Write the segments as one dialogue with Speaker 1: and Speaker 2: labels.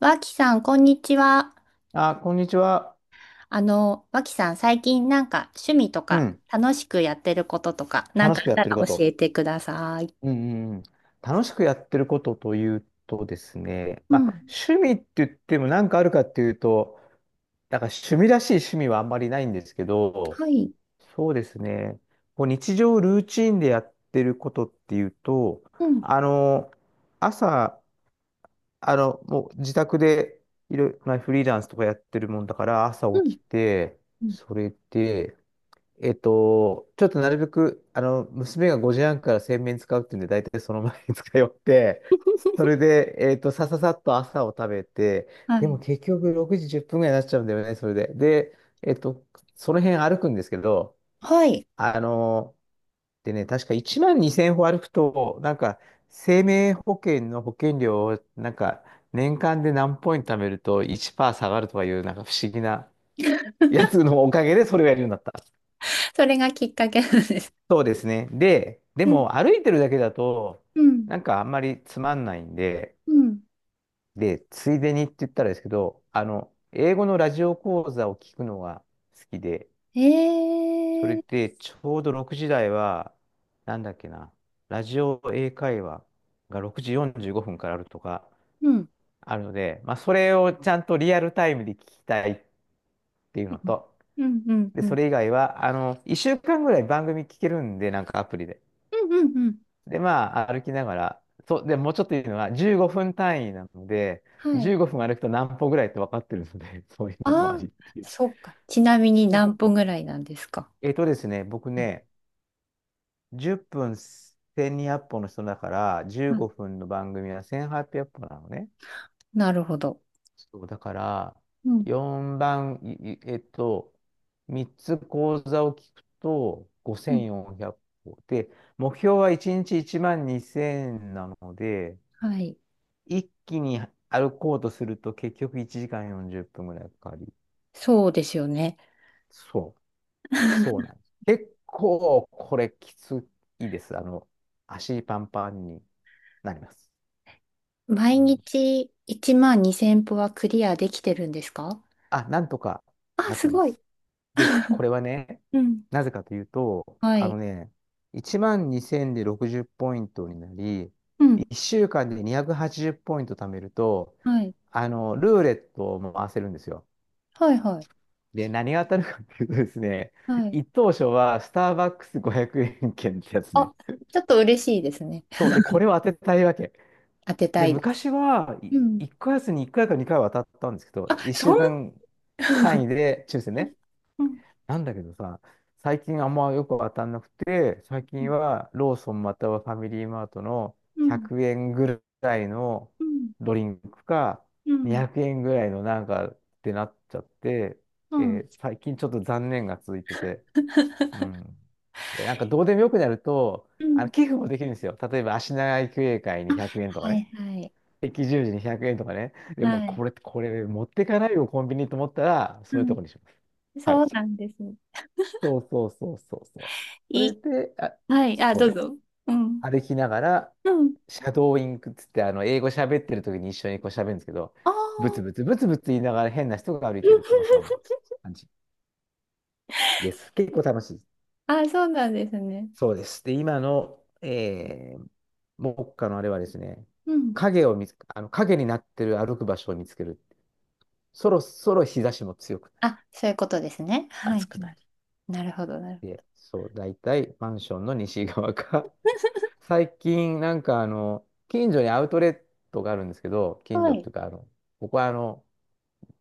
Speaker 1: わきさん、こんにちは。
Speaker 2: あ、こんにちは。
Speaker 1: わきさん、最近なんか趣味と
Speaker 2: う
Speaker 1: か
Speaker 2: ん。
Speaker 1: 楽しくやってることとか、なん
Speaker 2: 楽
Speaker 1: か
Speaker 2: し
Speaker 1: あ
Speaker 2: く
Speaker 1: っ
Speaker 2: やっ
Speaker 1: た
Speaker 2: てる
Speaker 1: ら
Speaker 2: こ
Speaker 1: 教
Speaker 2: と。
Speaker 1: えてください。
Speaker 2: うんうんうん。楽しくやってることというとですね、
Speaker 1: う
Speaker 2: まあ、
Speaker 1: ん。
Speaker 2: 趣味って言っても何かあるかっていうと、だから趣味らしい趣味はあんまりないんですけど、
Speaker 1: はい。
Speaker 2: そうですね、こう日常ルーチンでやってることっていうと、
Speaker 1: うん。
Speaker 2: あの、朝、もう自宅でいろいろ、まあ、フリーランスとかやってるもんだから、朝
Speaker 1: うん。
Speaker 2: 起きて、
Speaker 1: うん。
Speaker 2: それで、ちょっとなるべく、娘が5時半から洗面使うっていうんで、大体その前に使い終わって、それ で、さささっと朝を食べて、
Speaker 1: は
Speaker 2: でも
Speaker 1: い。
Speaker 2: 結局6時10分ぐらいになっちゃうんだよね、それで。で、その辺歩くんですけど、
Speaker 1: はい。
Speaker 2: あの、でね、確か1万2千歩歩くと、なんか、生命保険の保険料を、なんか、年間で何ポイント貯めると1%下がるとかいう、なんか不思議な やつのおかげでそれをやるようになった。
Speaker 1: それがきっかけなんです。
Speaker 2: そうですね。で、で
Speaker 1: うん。
Speaker 2: も歩いてるだけだと、
Speaker 1: うん。
Speaker 2: なんかあんまりつまんないんで、
Speaker 1: うん。
Speaker 2: で、ついでにって言ったらですけど、英語のラジオ講座を聞くのが好きで、それ
Speaker 1: えー。
Speaker 2: でちょうど6時台は、なんだっけな、ラジオ英会話が6時45分からあるとか
Speaker 1: うん。
Speaker 2: あるので、まあ、それをちゃんとリアルタイムで聞きたいっていうの
Speaker 1: うん。
Speaker 2: と、
Speaker 1: うん。うん。
Speaker 2: で、
Speaker 1: う
Speaker 2: そ
Speaker 1: ん。
Speaker 2: れ以外は、1週間ぐらい番組聞けるんで、なんかアプリで。
Speaker 1: うんうん。
Speaker 2: で、まあ、歩きながら、そう、で、もうちょっといいのは、15分単位なので、
Speaker 1: はい。
Speaker 2: 15分歩くと何歩ぐらいって分かってるので、そういうのもあ
Speaker 1: ああ、
Speaker 2: りっていう。
Speaker 1: そうか。ちなみに
Speaker 2: そう
Speaker 1: 何
Speaker 2: そうそ
Speaker 1: 分ぐ
Speaker 2: う。
Speaker 1: らいなんですか？
Speaker 2: ですね、僕
Speaker 1: はい。
Speaker 2: ね、10分1200歩の人だから、15
Speaker 1: あ、
Speaker 2: 分の番組は1800歩なのね。
Speaker 1: なるほど。
Speaker 2: そう、だから、
Speaker 1: うん。
Speaker 2: 4番、いい、3つ講座を聞くと、
Speaker 1: うん。
Speaker 2: 5400歩。で、目標は1日1万2000なので、
Speaker 1: はい。
Speaker 2: 一気に歩こうとすると結局1時間40分ぐらいかかり、
Speaker 1: そうですよね。
Speaker 2: そう、そうなん です。結構これきついです。足パンパンになります。
Speaker 1: 毎
Speaker 2: うん。
Speaker 1: 日1万2千歩はクリアできてるんですか？
Speaker 2: あ、なんとか
Speaker 1: あ、
Speaker 2: なっ
Speaker 1: す
Speaker 2: てま
Speaker 1: ごい。
Speaker 2: す。で、これはね、
Speaker 1: うん。
Speaker 2: なぜかというと、
Speaker 1: はい。
Speaker 2: 1万2000で60ポイントになり、
Speaker 1: うん。
Speaker 2: 1週間で280ポイント貯めると、
Speaker 1: はい。
Speaker 2: ルーレットを回せるんですよ。
Speaker 1: はいはい。
Speaker 2: で、何が当たるかっていうとですね、
Speaker 1: はい。
Speaker 2: 一等賞はスターバックス500円券ってやつね。
Speaker 1: あ、ちょっと嬉しいですね。
Speaker 2: そう、で、これを当てたいわけ。
Speaker 1: 当てた
Speaker 2: で、
Speaker 1: いです。
Speaker 2: 昔は
Speaker 1: うん。
Speaker 2: 1ヶ月に1回か2回は当たったんですけど、
Speaker 1: あ、
Speaker 2: 1
Speaker 1: そ
Speaker 2: 週
Speaker 1: ん、
Speaker 2: 間単 位で抽選
Speaker 1: うん
Speaker 2: ね。
Speaker 1: うん
Speaker 2: なんだけどさ、最近あんまよく当たんなくて、最
Speaker 1: うん
Speaker 2: 近はローソンまたはファミリーマートの100円ぐらいの
Speaker 1: うん
Speaker 2: ドリンクか、
Speaker 1: うん
Speaker 2: 200円ぐらいのなんかってなっちゃって、
Speaker 1: うん
Speaker 2: 最近ちょっと残念が続いてて、うん。で、なんかどうでもよくなると、
Speaker 1: うん、
Speaker 2: 寄付もできるんですよ。例えば、足長育英会
Speaker 1: あ、
Speaker 2: に100円とか
Speaker 1: はい
Speaker 2: ね。
Speaker 1: はい
Speaker 2: 赤十字に100円とかね。でも、
Speaker 1: はい。
Speaker 2: これ持ってかないよ、コンビニと思ったら、そ
Speaker 1: う
Speaker 2: ういう
Speaker 1: ん。
Speaker 2: とこにします。はい。
Speaker 1: そうなんです。
Speaker 2: そうそうそうそうそう。そ
Speaker 1: い
Speaker 2: れ
Speaker 1: い。
Speaker 2: で、あ、
Speaker 1: はい。あ、
Speaker 2: そう
Speaker 1: どう
Speaker 2: です。
Speaker 1: ぞ。うん。
Speaker 2: 歩きながら、
Speaker 1: うん。
Speaker 2: シャドーインクっつって、英語喋ってる時に一緒にこう喋るんですけど、
Speaker 1: ああ。
Speaker 2: ブツブツブツブツ言いながら変な人が歩いてるって、まあ、そんな感じです。結構楽しい。
Speaker 1: あ、そうなんですね。
Speaker 2: そうです。で、今の、目下のあれはですね、
Speaker 1: うん。
Speaker 2: 影を見つ、あの影になってる歩く場所を見つける。そろそろ日差しも強くなり、
Speaker 1: あ、そういうことですね。はい。は
Speaker 2: 暑くな
Speaker 1: い、
Speaker 2: り。
Speaker 1: なるほど、なる
Speaker 2: で、そう、大体マンションの西側か。最近、近所にアウトレットがあるんですけど、
Speaker 1: ほど。
Speaker 2: 近
Speaker 1: は
Speaker 2: 所って
Speaker 1: い。
Speaker 2: いうか、ここは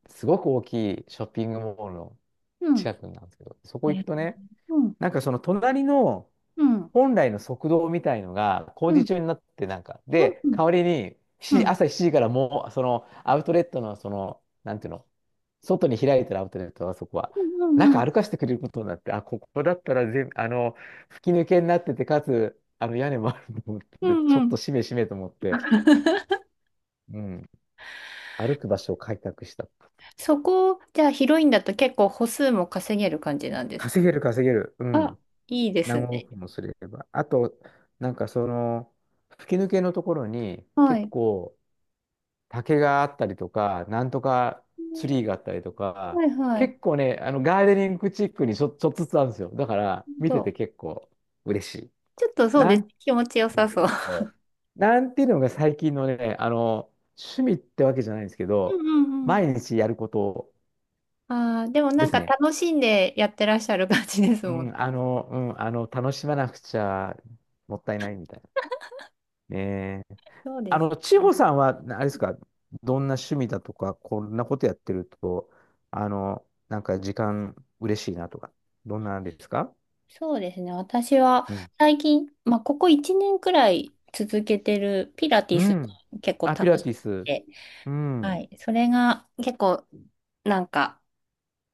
Speaker 2: すごく大きいショッピングモールの
Speaker 1: うん。
Speaker 2: 近くなんですけど、そこ
Speaker 1: え
Speaker 2: 行く
Speaker 1: ー、
Speaker 2: とね、
Speaker 1: うん。
Speaker 2: なんかその隣の、
Speaker 1: うん。
Speaker 2: 本来の速道みたいのが工
Speaker 1: う
Speaker 2: 事
Speaker 1: ん。
Speaker 2: 中になってなんか、
Speaker 1: うん。う
Speaker 2: で、
Speaker 1: ん。
Speaker 2: 代わりに
Speaker 1: う
Speaker 2: し
Speaker 1: ん。
Speaker 2: 朝7時からもう、そのアウトレットの、その、なんていうの、外に開いてるアウトレットはそこは、
Speaker 1: うん。
Speaker 2: 中歩かせてくれることになって、あ、ここだったら全、あの、吹き抜けになってて、かつ、あの屋根もあると思っ
Speaker 1: う
Speaker 2: て、ちょ
Speaker 1: ん。う
Speaker 2: っと
Speaker 1: ん。
Speaker 2: しめしめと思って、うん、歩く場所を開拓した。
Speaker 1: そこ、じゃあ、ヒロインだと結構歩数も稼げる感じなんですか？
Speaker 2: 稼げる稼げる。う
Speaker 1: あ、
Speaker 2: ん。
Speaker 1: いいです
Speaker 2: 何
Speaker 1: ね。
Speaker 2: 億もすれば。あと、なんかその、吹き抜けのところに
Speaker 1: は
Speaker 2: 結
Speaker 1: い。
Speaker 2: 構、竹があったりとか、なんとか
Speaker 1: う
Speaker 2: ツ
Speaker 1: ん、
Speaker 2: リーがあったりとか、
Speaker 1: はいはい。
Speaker 2: 結構ね、ガーデニングチックにちょっとずつあるんですよ。だから、見て
Speaker 1: と、
Speaker 2: て結構嬉しい。
Speaker 1: ちょっとそう
Speaker 2: な
Speaker 1: です。
Speaker 2: ん、
Speaker 1: 気持ちよさそう。
Speaker 2: そうなんていうのが最近のね、趣味ってわけじゃないんですけ
Speaker 1: うん
Speaker 2: ど、
Speaker 1: うんうん。
Speaker 2: 毎日やること
Speaker 1: ああ、でも
Speaker 2: で
Speaker 1: なん
Speaker 2: す
Speaker 1: か
Speaker 2: ね。
Speaker 1: 楽しんでやってらっしゃる感じです
Speaker 2: う
Speaker 1: もん。
Speaker 2: ん、うん、楽しまなくちゃもったいないみたいな。ねえ、
Speaker 1: そうです。
Speaker 2: 千穂さんは、なあれですか？どんな趣味だとか、こんなことやってると、なんか時間嬉しいなとか、どんなんですか？
Speaker 1: そうですね。私は
Speaker 2: うん。
Speaker 1: 最近、まあ、ここ1年くらい続けてるピラティ
Speaker 2: う
Speaker 1: ス
Speaker 2: ん。
Speaker 1: が結構
Speaker 2: あ、ピ
Speaker 1: 楽
Speaker 2: ラ
Speaker 1: しく
Speaker 2: ティス。
Speaker 1: て、
Speaker 2: う
Speaker 1: は
Speaker 2: ん。
Speaker 1: い。それが結構、なんか、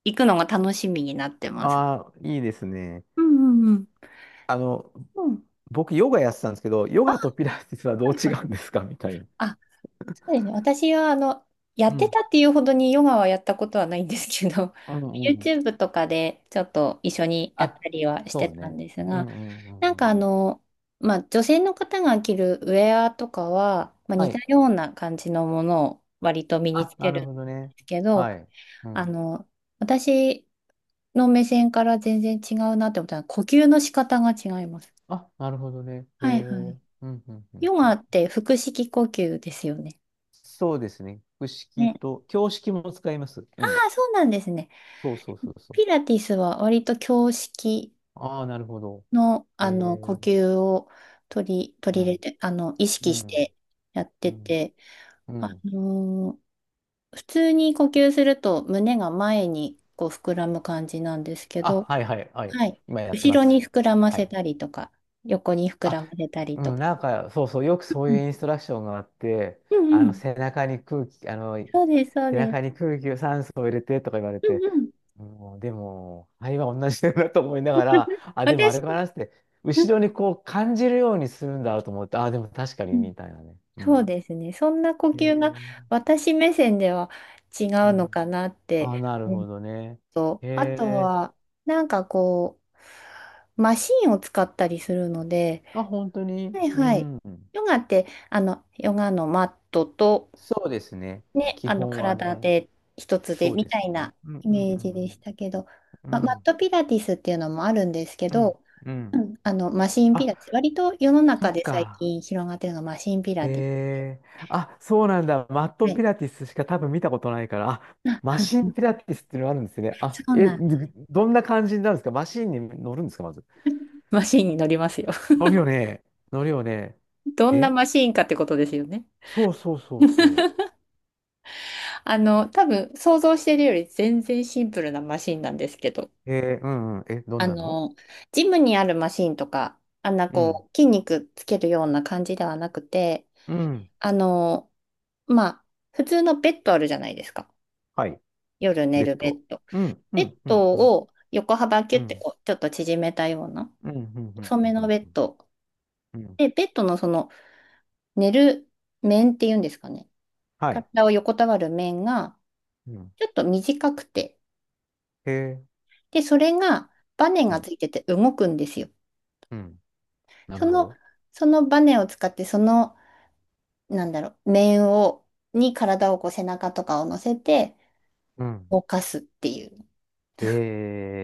Speaker 1: 行くのが楽しみになってます。
Speaker 2: ああ、いいですね。
Speaker 1: うんうんうん。
Speaker 2: あの、
Speaker 1: うん。
Speaker 2: 僕、ヨガやってたんですけど、ヨ
Speaker 1: あ、
Speaker 2: ガとピラティスはどう
Speaker 1: はいは
Speaker 2: 違
Speaker 1: い。
Speaker 2: うんですかみたいな。
Speaker 1: あ、そうですね。私は、やっ
Speaker 2: う
Speaker 1: て
Speaker 2: ん。
Speaker 1: たっていうほどにヨガはやったことはないんですけど、
Speaker 2: うん うん。
Speaker 1: YouTube とかでちょっと一緒にやっ
Speaker 2: あ、
Speaker 1: たりはし
Speaker 2: そ
Speaker 1: て
Speaker 2: う
Speaker 1: たん
Speaker 2: ね。
Speaker 1: です
Speaker 2: うん
Speaker 1: が、
Speaker 2: うんう
Speaker 1: なん
Speaker 2: んう
Speaker 1: か
Speaker 2: ん。
Speaker 1: まあ、女性の方が着るウェアとかは、まあ、
Speaker 2: は
Speaker 1: 似た
Speaker 2: い。
Speaker 1: ような感じのものを割と身につ
Speaker 2: あ、な
Speaker 1: け
Speaker 2: る
Speaker 1: るん
Speaker 2: ほ
Speaker 1: で
Speaker 2: どね。
Speaker 1: すけど、
Speaker 2: はい。う
Speaker 1: あ
Speaker 2: ん。
Speaker 1: の、私の目線から全然違うなって思ったのは、呼吸の仕方が違います。
Speaker 2: あ、なるほどね。へ
Speaker 1: はいはい。
Speaker 2: え。うんうんうん
Speaker 1: ヨ
Speaker 2: う
Speaker 1: ガ
Speaker 2: ん。
Speaker 1: って腹式呼吸ですよね。
Speaker 2: そうですね。複式
Speaker 1: ね。
Speaker 2: と、教式も使います。
Speaker 1: あ
Speaker 2: うん。
Speaker 1: あ、そうなんですね。
Speaker 2: そうそうそうそう。
Speaker 1: ピラティスは割と胸式
Speaker 2: ああ、なるほど。
Speaker 1: の、
Speaker 2: え
Speaker 1: あの呼
Speaker 2: ー、
Speaker 1: 吸を
Speaker 2: う
Speaker 1: 取り入れ
Speaker 2: ん、
Speaker 1: て、意
Speaker 2: う
Speaker 1: 識し
Speaker 2: ん、
Speaker 1: てやっ
Speaker 2: う
Speaker 1: て
Speaker 2: ん、
Speaker 1: て、
Speaker 2: う
Speaker 1: あ
Speaker 2: ん。
Speaker 1: のー普通に呼吸すると胸が前にこう膨らむ感じなんですけ
Speaker 2: あ、
Speaker 1: ど、
Speaker 2: はいはいはい。
Speaker 1: はい。
Speaker 2: 今やってま
Speaker 1: 後ろ
Speaker 2: す。
Speaker 1: に膨らま
Speaker 2: は
Speaker 1: せ
Speaker 2: い。
Speaker 1: たりとか、横に膨ら
Speaker 2: あ、
Speaker 1: ませたりと
Speaker 2: うん、
Speaker 1: か。
Speaker 2: なんか、そうそう、よくそ
Speaker 1: う
Speaker 2: うい
Speaker 1: ん
Speaker 2: うインストラクションがあって、
Speaker 1: うんうん。
Speaker 2: 背中に空気、
Speaker 1: そうです、そう
Speaker 2: 背
Speaker 1: で
Speaker 2: 中に
Speaker 1: す。
Speaker 2: 空気を酸素を入れてとか言われ
Speaker 1: うん
Speaker 2: て、
Speaker 1: うん。
Speaker 2: もうでも、肺は同じだなと思いながら、あ、でもあ
Speaker 1: 私、
Speaker 2: れかなって、
Speaker 1: うん
Speaker 2: 後ろにこう感じるようにするんだと思って、あ、でも確かに
Speaker 1: うん、
Speaker 2: みたいなね。う
Speaker 1: そう
Speaker 2: ん。
Speaker 1: ですね。そんな呼
Speaker 2: へ
Speaker 1: 吸が
Speaker 2: え。
Speaker 1: 私目線では違
Speaker 2: う
Speaker 1: うの
Speaker 2: ん。
Speaker 1: かなっ
Speaker 2: あ、
Speaker 1: て。
Speaker 2: なる
Speaker 1: うん、
Speaker 2: ほどね。
Speaker 1: と、
Speaker 2: へ
Speaker 1: あと
Speaker 2: え。
Speaker 1: は、なんかこう、マシンを使ったりするので、
Speaker 2: あ、本当に。
Speaker 1: はい
Speaker 2: う
Speaker 1: はい。
Speaker 2: ん。
Speaker 1: ヨガって、ヨガのマットと、
Speaker 2: そうですね。
Speaker 1: ね、
Speaker 2: 基本は
Speaker 1: 体
Speaker 2: ね。
Speaker 1: で一つで
Speaker 2: そう
Speaker 1: み
Speaker 2: で
Speaker 1: た
Speaker 2: す
Speaker 1: い
Speaker 2: ね。
Speaker 1: な
Speaker 2: うん
Speaker 1: イ
Speaker 2: うん
Speaker 1: メージでしたけど、
Speaker 2: う
Speaker 1: ま、
Speaker 2: んう
Speaker 1: マッ
Speaker 2: ん。
Speaker 1: トピラティスっていうのもあるんですけ
Speaker 2: うん。
Speaker 1: ど、
Speaker 2: うん。う
Speaker 1: う
Speaker 2: ん。
Speaker 1: んマシンピ
Speaker 2: あ、
Speaker 1: ラティス、割と世の
Speaker 2: そ
Speaker 1: 中
Speaker 2: う
Speaker 1: で最
Speaker 2: か。
Speaker 1: 近広がってるのがマシンピラティス。
Speaker 2: あ、そうなんだ。マット
Speaker 1: は
Speaker 2: ピ
Speaker 1: い。
Speaker 2: ラティスしか多分見たことないから、あ、
Speaker 1: あ、
Speaker 2: マシン
Speaker 1: うん、
Speaker 2: ピラティスっていうのがあるんですね。あ、
Speaker 1: そう
Speaker 2: え、
Speaker 1: なん。
Speaker 2: どんな感じになるんですか？マシンに乗るんですか？まず。
Speaker 1: マシンに乗りますよ。
Speaker 2: 乗るよね。乗るよね。
Speaker 1: どんな
Speaker 2: で、
Speaker 1: マシンかってことですよね。
Speaker 2: そうそうそうそ
Speaker 1: 多分想像してるより全然シンプルなマシンなんですけど、
Speaker 2: う。うんうん。え、どん
Speaker 1: あ
Speaker 2: なの？
Speaker 1: の、ジムにあるマシンとか、あんな
Speaker 2: うん。
Speaker 1: こう、筋肉つけるような感じではなくて、
Speaker 2: うん。
Speaker 1: あの、まあ、普通のベッドあるじゃないですか。
Speaker 2: はい。
Speaker 1: 夜寝
Speaker 2: ベッ
Speaker 1: るベ
Speaker 2: ド。
Speaker 1: ッド。
Speaker 2: うん、う
Speaker 1: ベッ
Speaker 2: ん、うん、
Speaker 1: ド
Speaker 2: うん、
Speaker 1: を横幅キ
Speaker 2: う
Speaker 1: ュッて
Speaker 2: ん、
Speaker 1: こう、ちょっと縮めたような、
Speaker 2: うん、うん、うん、
Speaker 1: 細
Speaker 2: う
Speaker 1: め
Speaker 2: ん、う
Speaker 1: の
Speaker 2: ん。
Speaker 1: ベッド。
Speaker 2: うん、
Speaker 1: で、ベッドのその、寝る面っていうんですかね。
Speaker 2: はい。
Speaker 1: 体を横たわる面が、
Speaker 2: うん。
Speaker 1: ちょっと短くて、
Speaker 2: へえ。
Speaker 1: で、それが、バネ
Speaker 2: う
Speaker 1: がつ
Speaker 2: ん、
Speaker 1: いてて動くんですよ。
Speaker 2: うん。な
Speaker 1: そ
Speaker 2: るほ
Speaker 1: の、
Speaker 2: ど。
Speaker 1: そのバネを使って、なんだろう、面を、に体をこう背中とかを乗せて
Speaker 2: うん。
Speaker 1: 動かすっていう。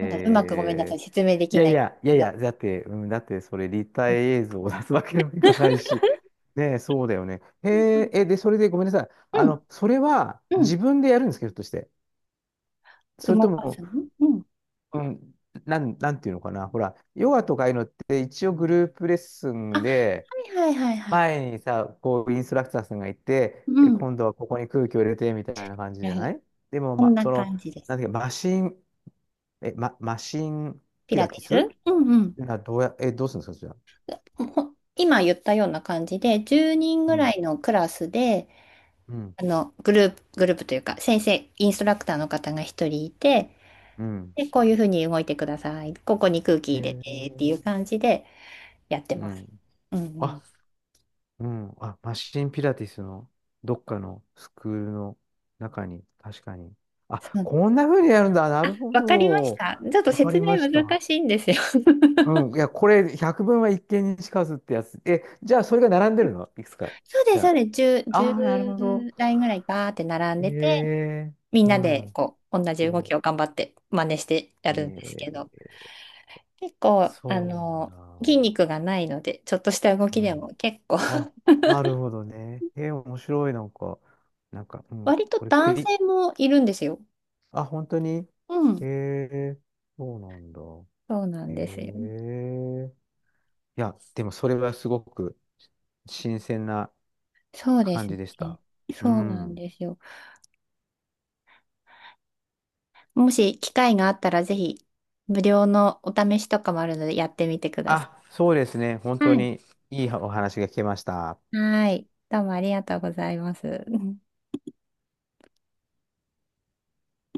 Speaker 1: なんだろう、うまくごめんなさい、説明で
Speaker 2: い
Speaker 1: き
Speaker 2: や
Speaker 1: な
Speaker 2: い
Speaker 1: い
Speaker 2: や、いや
Speaker 1: け
Speaker 2: い
Speaker 1: ど。
Speaker 2: や、だって、うん、だってそれ立体映像を出すわけにもいかないし、ねえ、そうだよね。へえ、え、で、それでごめんなさい。
Speaker 1: うん、
Speaker 2: それは
Speaker 1: うん、
Speaker 2: 自分でやるんですけど、ひょっとして。それと
Speaker 1: 動か
Speaker 2: も、
Speaker 1: すの、うん。
Speaker 2: うん、なんていうのかな。ほら、ヨガとかああいうのって一応グループレッス
Speaker 1: あ、
Speaker 2: ン
Speaker 1: は
Speaker 2: で、
Speaker 1: いはいはいはい。
Speaker 2: 前にさ、こう、インストラクターさんがいて、
Speaker 1: う
Speaker 2: え
Speaker 1: ん。
Speaker 2: 今度はここに空気を入れて、みたいな感じ
Speaker 1: な
Speaker 2: じ
Speaker 1: る
Speaker 2: ゃ
Speaker 1: ほ
Speaker 2: な
Speaker 1: ど、
Speaker 2: い？でも、
Speaker 1: こん
Speaker 2: ま、
Speaker 1: な
Speaker 2: その、
Speaker 1: 感じで
Speaker 2: な
Speaker 1: す。
Speaker 2: んていうか、マシン
Speaker 1: ピ
Speaker 2: ピ
Speaker 1: ラ
Speaker 2: ラ
Speaker 1: テ
Speaker 2: ティス
Speaker 1: ィス、うんうん。
Speaker 2: な、どうするんですか、じゃあ。
Speaker 1: ほほ今言ったような感じで、10人ぐ
Speaker 2: う
Speaker 1: ら
Speaker 2: ん、
Speaker 1: いのクラスで、
Speaker 2: うん、
Speaker 1: グループというか、先生、インストラクターの方が一人いて、
Speaker 2: うん。
Speaker 1: で、こういうふうに動いてください。ここに空気入れ
Speaker 2: へ
Speaker 1: てってい
Speaker 2: え、
Speaker 1: う感じで、やって
Speaker 2: う
Speaker 1: ます。
Speaker 2: ん。
Speaker 1: うんう
Speaker 2: あ、
Speaker 1: ん。
Speaker 2: うん。あ、マシンピラティスのどっかのスクールの中に、確かに。
Speaker 1: そ
Speaker 2: あ、
Speaker 1: う、
Speaker 2: こんな風にやるんだ。なるほ
Speaker 1: わかりまし
Speaker 2: ど。
Speaker 1: た。ちょっと
Speaker 2: わか
Speaker 1: 説
Speaker 2: り
Speaker 1: 明
Speaker 2: ました。
Speaker 1: 難しいんですよ。
Speaker 2: うん。いや、これ、百聞は一見にしかずってやつ。え、じゃあ、それが並んでるのいくつか。
Speaker 1: そうです、
Speaker 2: じゃ
Speaker 1: そうです。10、
Speaker 2: あ。あ
Speaker 1: じゅ
Speaker 2: あ、なるほど。
Speaker 1: う台ぐらいバーって並ん
Speaker 2: へ
Speaker 1: でて、
Speaker 2: え、
Speaker 1: みん
Speaker 2: う
Speaker 1: なで
Speaker 2: ん。
Speaker 1: こう、同じ動き
Speaker 2: そ
Speaker 1: を頑張って真似して
Speaker 2: う。
Speaker 1: やるんですけど、結構、
Speaker 2: そうだ。
Speaker 1: 筋肉がないので、ちょっとした動
Speaker 2: う
Speaker 1: きでも
Speaker 2: ん、
Speaker 1: 結構、
Speaker 2: あ、なるほどね。面白い、なんか、なんか、うん、
Speaker 1: 割と
Speaker 2: これ
Speaker 1: 男
Speaker 2: 栗、
Speaker 1: 性もいるんですよ。
Speaker 2: あ、本当に
Speaker 1: う
Speaker 2: え
Speaker 1: ん。
Speaker 2: ー、そうなんだ。
Speaker 1: そうなんですよ。
Speaker 2: いや、でもそれはすごく新鮮な
Speaker 1: そうで
Speaker 2: 感
Speaker 1: す
Speaker 2: じでし
Speaker 1: ね。
Speaker 2: た。う
Speaker 1: そうなん
Speaker 2: ん。
Speaker 1: ですよ。もし機会があったらぜひ無料のお試しとかもあるのでやってみてください。
Speaker 2: あ、そうですね。本
Speaker 1: は
Speaker 2: 当
Speaker 1: い。
Speaker 2: にいいお話が聞けました。
Speaker 1: はい。どうもありがとうございます。